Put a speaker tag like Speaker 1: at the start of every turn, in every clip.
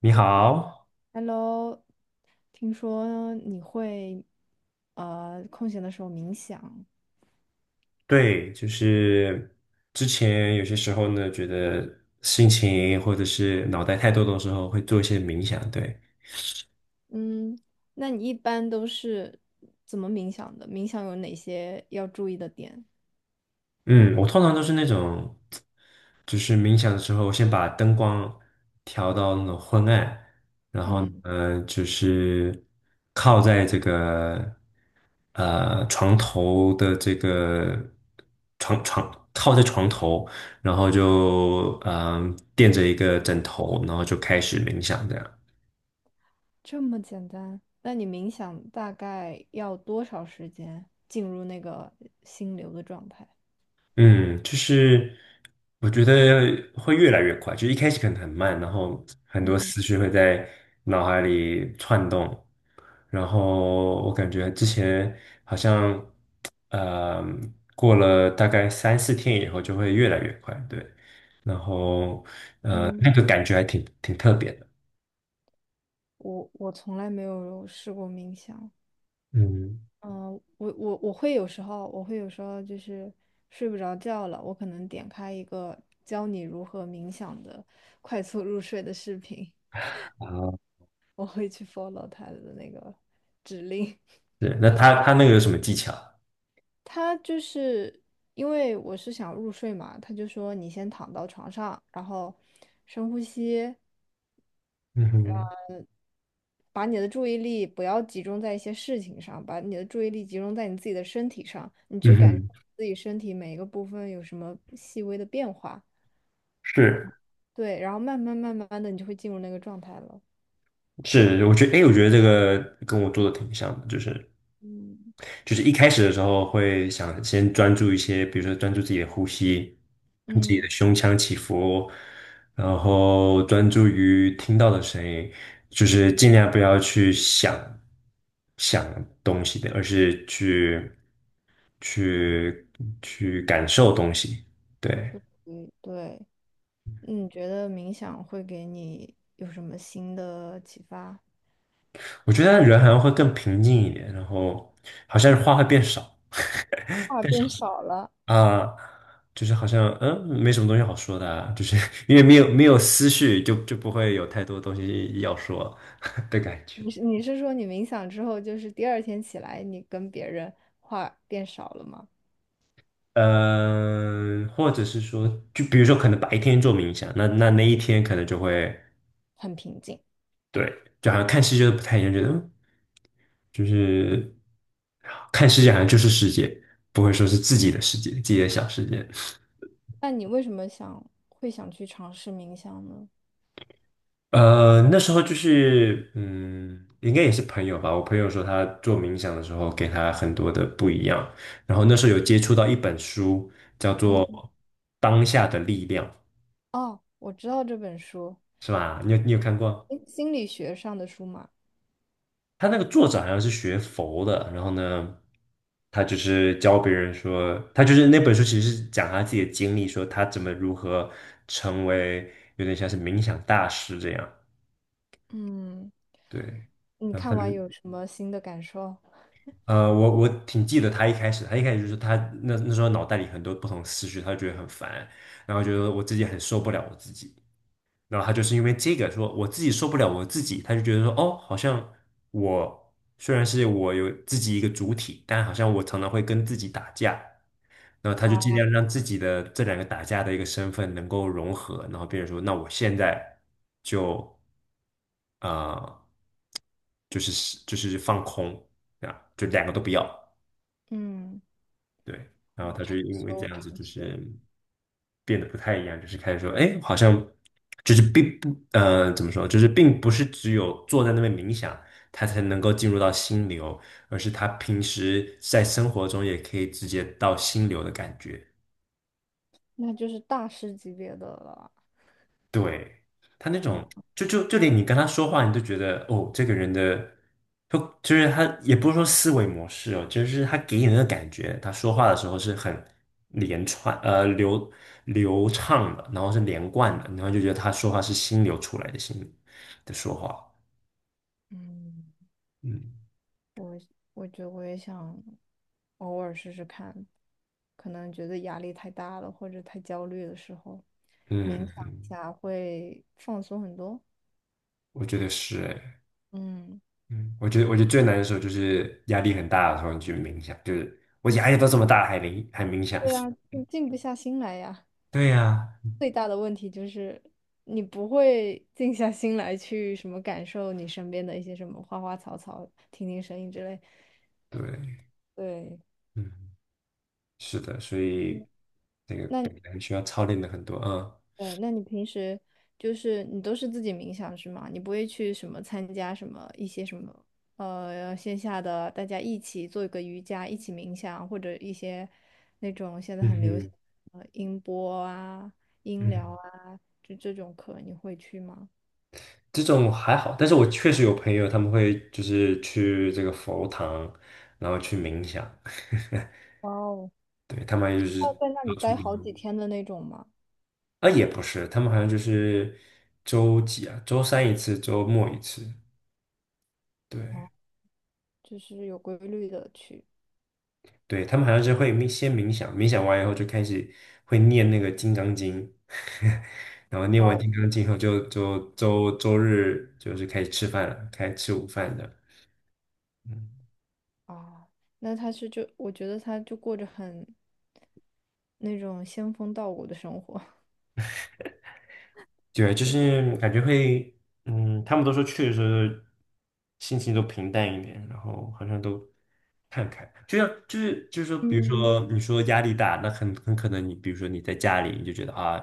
Speaker 1: 你好。
Speaker 2: Hello，听说你会空闲的时候冥想。
Speaker 1: 对，就是之前有些时候呢，觉得心情或者是脑袋太多的时候，会做一些冥想，对。
Speaker 2: 嗯。那你一般都是怎么冥想的？冥想有哪些要注意的点？
Speaker 1: 嗯，我通常都是那种，就是冥想的时候，先把灯光调到那种昏暗，然后呢，
Speaker 2: 嗯，
Speaker 1: 就是靠在这个床头的这个床靠在床头，然后就垫着一个枕头，然后就开始冥想这样。
Speaker 2: 这么简单？那你冥想大概要多少时间进入那个心流的状态？
Speaker 1: 嗯，就是我觉得会越来越快，就一开始可能很慢，然后很多
Speaker 2: 嗯
Speaker 1: 思绪会在脑海里窜动，然后我感觉之前好像，呃，过了大概三四天以后就会越来越快，对。然后
Speaker 2: 嗯。
Speaker 1: 那个感觉还挺特别的。
Speaker 2: 我从来没有试过冥想。
Speaker 1: 嗯，
Speaker 2: 嗯。我会有时候，我会有时候就是睡不着觉了，我可能点开一个教你如何冥想的快速入睡的视频，
Speaker 1: 啊，
Speaker 2: 我会去 follow 他的那个指令。
Speaker 1: 对，那他那个有什么技巧？
Speaker 2: 他就是因为我是想入睡嘛，他就说你先躺到床上，然后深呼吸，
Speaker 1: 嗯哼。
Speaker 2: 把你的注意力不要集中在一些事情上，把你的注意力集中在你自己的身体上，你去
Speaker 1: 嗯
Speaker 2: 感受
Speaker 1: 哼。
Speaker 2: 自己身体每一个部分有什么细微的变化。
Speaker 1: 是。
Speaker 2: 对，然后慢慢慢慢的你就会进入那个状态了。
Speaker 1: 是，我觉得，哎，我觉得这个跟我做的挺像的，就是。
Speaker 2: 嗯。
Speaker 1: 就是一开始的时候会想先专注一些，比如说专注自己的呼吸，自己
Speaker 2: 嗯。
Speaker 1: 的胸腔起伏，然后专注于听到的声音，就是尽量不要去想东西的，而是去去感受东西。对，
Speaker 2: 嗯，对。你觉得冥想会给你有什么新的启发？
Speaker 1: 我觉得人好像会更平静一点，然后好像话会变少。
Speaker 2: 话变少了？
Speaker 1: 啊，就是好像没什么东西好说的啊，就是 因为没有思绪就，就不会有太多东西要说 的感觉。
Speaker 2: 你是说你冥想之后，就是第二天起来，你跟别人话变少了吗？
Speaker 1: 嗯、或者是说，就比如说，可能白天做冥想，那那一天可能就会
Speaker 2: 很平静。
Speaker 1: 对，就好像看世界都不太一样，觉得就是看世界好像就是世界，不会说是自己的世界，自己的小世界。
Speaker 2: 那你为什么会想去尝试冥想呢？
Speaker 1: 那时候就是，嗯，应该也是朋友吧。我朋友说他做冥想的时候，给他很多的不一样。然后那时候有接触到一本书，叫
Speaker 2: 嗯。
Speaker 1: 做《当下的力量》，
Speaker 2: 哦，我知道这本书。
Speaker 1: 是吧？你有看过？
Speaker 2: 诶，心理学上的书嘛。
Speaker 1: 他那个作者好像是学佛的，然后呢，他就是教别人说，他就是那本书其实是讲他自己的经历，说他怎么如何成为有点像是冥想大师这样。
Speaker 2: 嗯。
Speaker 1: 对，
Speaker 2: 你
Speaker 1: 然后他
Speaker 2: 看
Speaker 1: 就。
Speaker 2: 完有什么新的感受？
Speaker 1: 我挺记得他一开始，他一开始就是他那时候脑袋里很多不同的思绪，他就觉得很烦，然后觉得我自己很受不了我自己，然后他就是因为这个说我自己受不了我自己，他就觉得说哦，好像我虽然是我有自己一个主体，但好像我常常会跟自己打架，然后他就尽
Speaker 2: 哦。
Speaker 1: 量让自己的这两个打架的一个身份能够融合，然后变成说那我现在就呃就是放空，啊，就两个都不要。
Speaker 2: 嗯。
Speaker 1: 对，然后
Speaker 2: 哦，
Speaker 1: 他
Speaker 2: 长
Speaker 1: 就因为这
Speaker 2: 修
Speaker 1: 样
Speaker 2: 长
Speaker 1: 子，就
Speaker 2: 修。
Speaker 1: 是变得不太一样，就是开始说，哎，好像就是并不，怎么说，就是并不是只有坐在那边冥想，他才能够进入到心流，而是他平时在生活中也可以直接到心流的感觉。
Speaker 2: 那就是大师级别的了。
Speaker 1: 对，
Speaker 2: 嗯。
Speaker 1: 嗯，就连你跟他说话，你都觉得哦，这个人的，就是他也不是说思维模式哦，就是他给你那个感觉，他说话的时候是很连串流畅的，然后是连贯的，然后就觉得他说话是心流出来的心的说话。
Speaker 2: 嗯。
Speaker 1: 嗯
Speaker 2: 我我觉得我也想偶尔试试看，可能觉得压力太大了或者太焦虑的时候，冥
Speaker 1: 嗯。
Speaker 2: 想一下会放松很多。
Speaker 1: 我觉得是哎。
Speaker 2: 嗯。
Speaker 1: 嗯，我觉得最难的时候就是压力很大的时候，你去冥想，就是我压力都这么大还冥想。
Speaker 2: 对啊，静静不下心来呀。
Speaker 1: 对呀。
Speaker 2: 最大的问题就是你不会静下心来去什么感受你身边的一些什么花花草草、听听声音之类。
Speaker 1: 对。
Speaker 2: 对。
Speaker 1: 嗯。是的，所
Speaker 2: 嗯。
Speaker 1: 以这个可
Speaker 2: 那
Speaker 1: 能需要操练的很多啊。
Speaker 2: 对，那你平时就是你都是自己冥想是吗？你不会去什么参加什么一些什么线下的，大家一起做一个瑜伽，一起冥想，或者一些那种现在
Speaker 1: 嗯
Speaker 2: 很流行
Speaker 1: 哼。
Speaker 2: 音波啊、音
Speaker 1: 嗯
Speaker 2: 疗啊，就这种课你会去吗？
Speaker 1: 这种还好，但是我确实有朋友他们会就是去这个佛堂，然后去冥想。
Speaker 2: 哇哦，
Speaker 1: 对，他们就是
Speaker 2: 要在那
Speaker 1: 到
Speaker 2: 里
Speaker 1: 处
Speaker 2: 待
Speaker 1: 游
Speaker 2: 好几天的那种吗？
Speaker 1: 啊，也不是，他们好像就是周几啊，周三一次，周末一次，对。
Speaker 2: 哦，就是有规律的去。
Speaker 1: 对，他们好像是会先冥想，冥想完以后就开始会念那个《金刚经》，然后念
Speaker 2: 哇
Speaker 1: 完
Speaker 2: 哦。
Speaker 1: 《金刚经》后就周日就是开始吃饭了，开始吃午饭的。嗯。
Speaker 2: 啊，那他是就我觉得他就过着很那种仙风道骨的生活。
Speaker 1: 对，就是感觉会，嗯，他们都说去的时候心情都平淡一点，然后好像都看开，就像就是说，比如
Speaker 2: 嗯。
Speaker 1: 说你说压力大，那很可能你比如说你在家里你就觉得啊，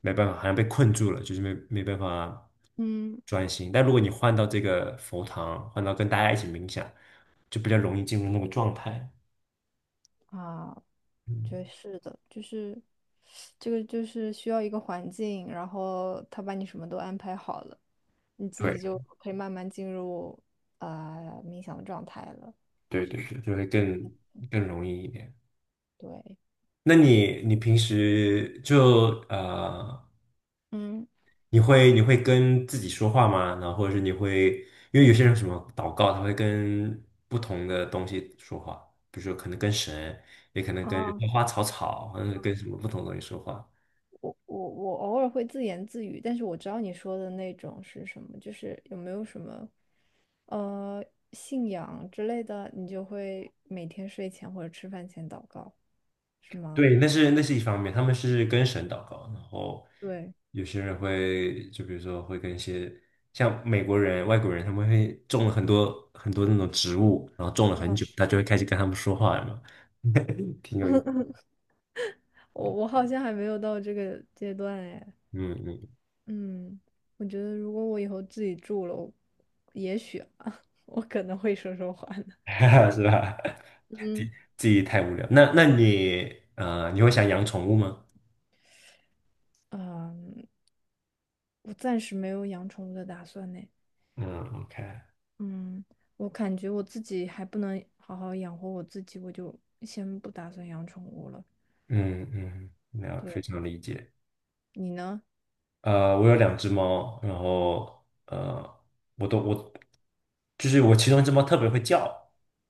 Speaker 1: 没办法，好像被困住了，就是没办法
Speaker 2: 嗯。
Speaker 1: 专心。但如果你换到这个佛堂，换到跟大家一起冥想，就比较容易进入那个状态。
Speaker 2: 啊，我觉得
Speaker 1: 嗯，
Speaker 2: 是的，就是这个就是需要一个环境，然后他把你什么都安排好了，你自己
Speaker 1: 对
Speaker 2: 就可以慢慢进入啊、冥想的状态了。
Speaker 1: 对对对，就会更容易一点。
Speaker 2: 对。
Speaker 1: 那你平时就
Speaker 2: 嗯。
Speaker 1: 你会跟自己说话吗？然后或者是你会，因为有些人什么祷告，他会跟不同的东西说话，比如说可能跟神，也可能跟
Speaker 2: 啊，
Speaker 1: 花花草草，或者跟什么不同的东西说话。
Speaker 2: 我偶尔会自言自语，但是我知道你说的那种是什么，就是有没有什么呃信仰之类的，你就会每天睡前或者吃饭前祷告，是吗？
Speaker 1: 对，那是一方面，他们是跟神祷告，然后
Speaker 2: 对。
Speaker 1: 有些人会，就比如说会跟一些像美国人、外国人，他们会种了很多很多那种植物，然后种了很
Speaker 2: 嗯。
Speaker 1: 久，他就会开始跟他们说话了嘛。挺有意思。
Speaker 2: 我我好像还没有到这个阶段哎。
Speaker 1: 嗯
Speaker 2: 嗯。我觉得如果我以后自己住了，我也许啊，我可能会说说话呢。
Speaker 1: 嗯。是吧？自己
Speaker 2: 嗯。
Speaker 1: 自己太无聊。那那你你会想养宠物吗？
Speaker 2: 嗯，我暂时没有养宠物的打算呢。
Speaker 1: 嗯，OK。
Speaker 2: 嗯。我感觉我自己还不能好好养活我自己，我就先不打算养宠物了。
Speaker 1: 嗯嗯，那非
Speaker 2: 对，
Speaker 1: 常理解。
Speaker 2: 你呢？
Speaker 1: 我有两只猫，然后我都我就是我其中一只猫特别会叫，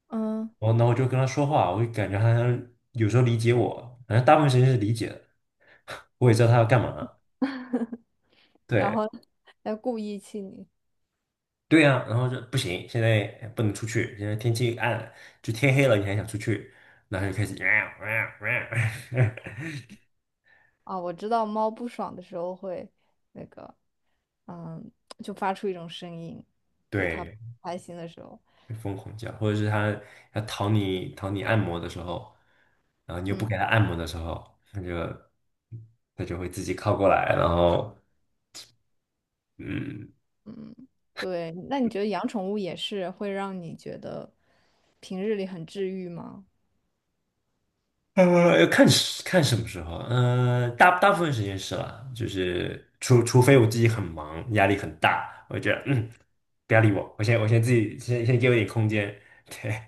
Speaker 2: 嗯。
Speaker 1: 然后呢我就跟它说话，我就感觉它好像有时候理解我，反正大部分时间是理解的，我也知道它要干嘛。
Speaker 2: 然
Speaker 1: 对。
Speaker 2: 后要故意气你。
Speaker 1: 然后就不行，现在不能出去，现在天气暗了就天黑了，你还想出去，然后就开始
Speaker 2: 啊！我知道猫不爽的时候会那个，嗯，就发出一种声音，就是它不
Speaker 1: 对，
Speaker 2: 开心的时候。
Speaker 1: 疯狂叫，或者是它要讨你按摩的时候。然后你又不
Speaker 2: 嗯，
Speaker 1: 给它按摩的时候，它就会自己靠过来，然后嗯。
Speaker 2: 对。那你觉得养宠物也是会让你觉得平日里很治愈吗？
Speaker 1: 要看看什么时候。嗯，大部分时间是啦，就是除非我自己很忙，压力很大，我觉得嗯不要理我，我先我先自己先给我一点空间。对。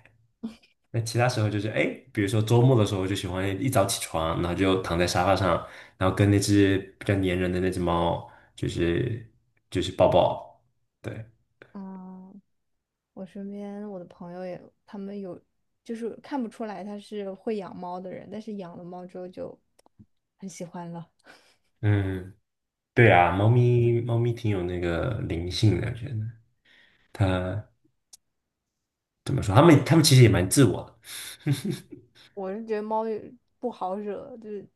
Speaker 1: 那其他时候就是哎，比如说周末的时候，我就喜欢一早起床，然后就躺在沙发上，然后跟那只比较粘人的那只猫，就是就是抱抱，对。
Speaker 2: 嗯。我身边我的朋友也，他们有就是看不出来他是会养猫的人，但是养了猫之后就很喜欢了。
Speaker 1: 嗯。对啊，猫咪挺有那个灵性的，我觉得它怎么说？它们其实也蛮自我的。
Speaker 2: 我是觉得猫也不好惹，就是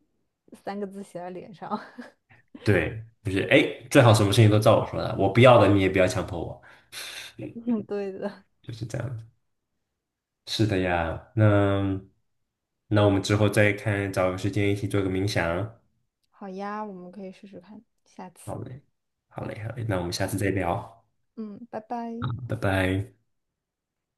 Speaker 2: 三个字写在脸上。
Speaker 1: 对，就是哎，诶最好什么事情都照我说的，我不要的你也不要强迫我，
Speaker 2: 嗯，对的。
Speaker 1: 就是这样子。是的呀，那那我们之后再看，找个时间一起做个冥想。
Speaker 2: 好呀，我们可以试试看，下次。
Speaker 1: 好嘞，好嘞那我们下次再聊，
Speaker 2: 嗯，拜拜。
Speaker 1: 拜拜。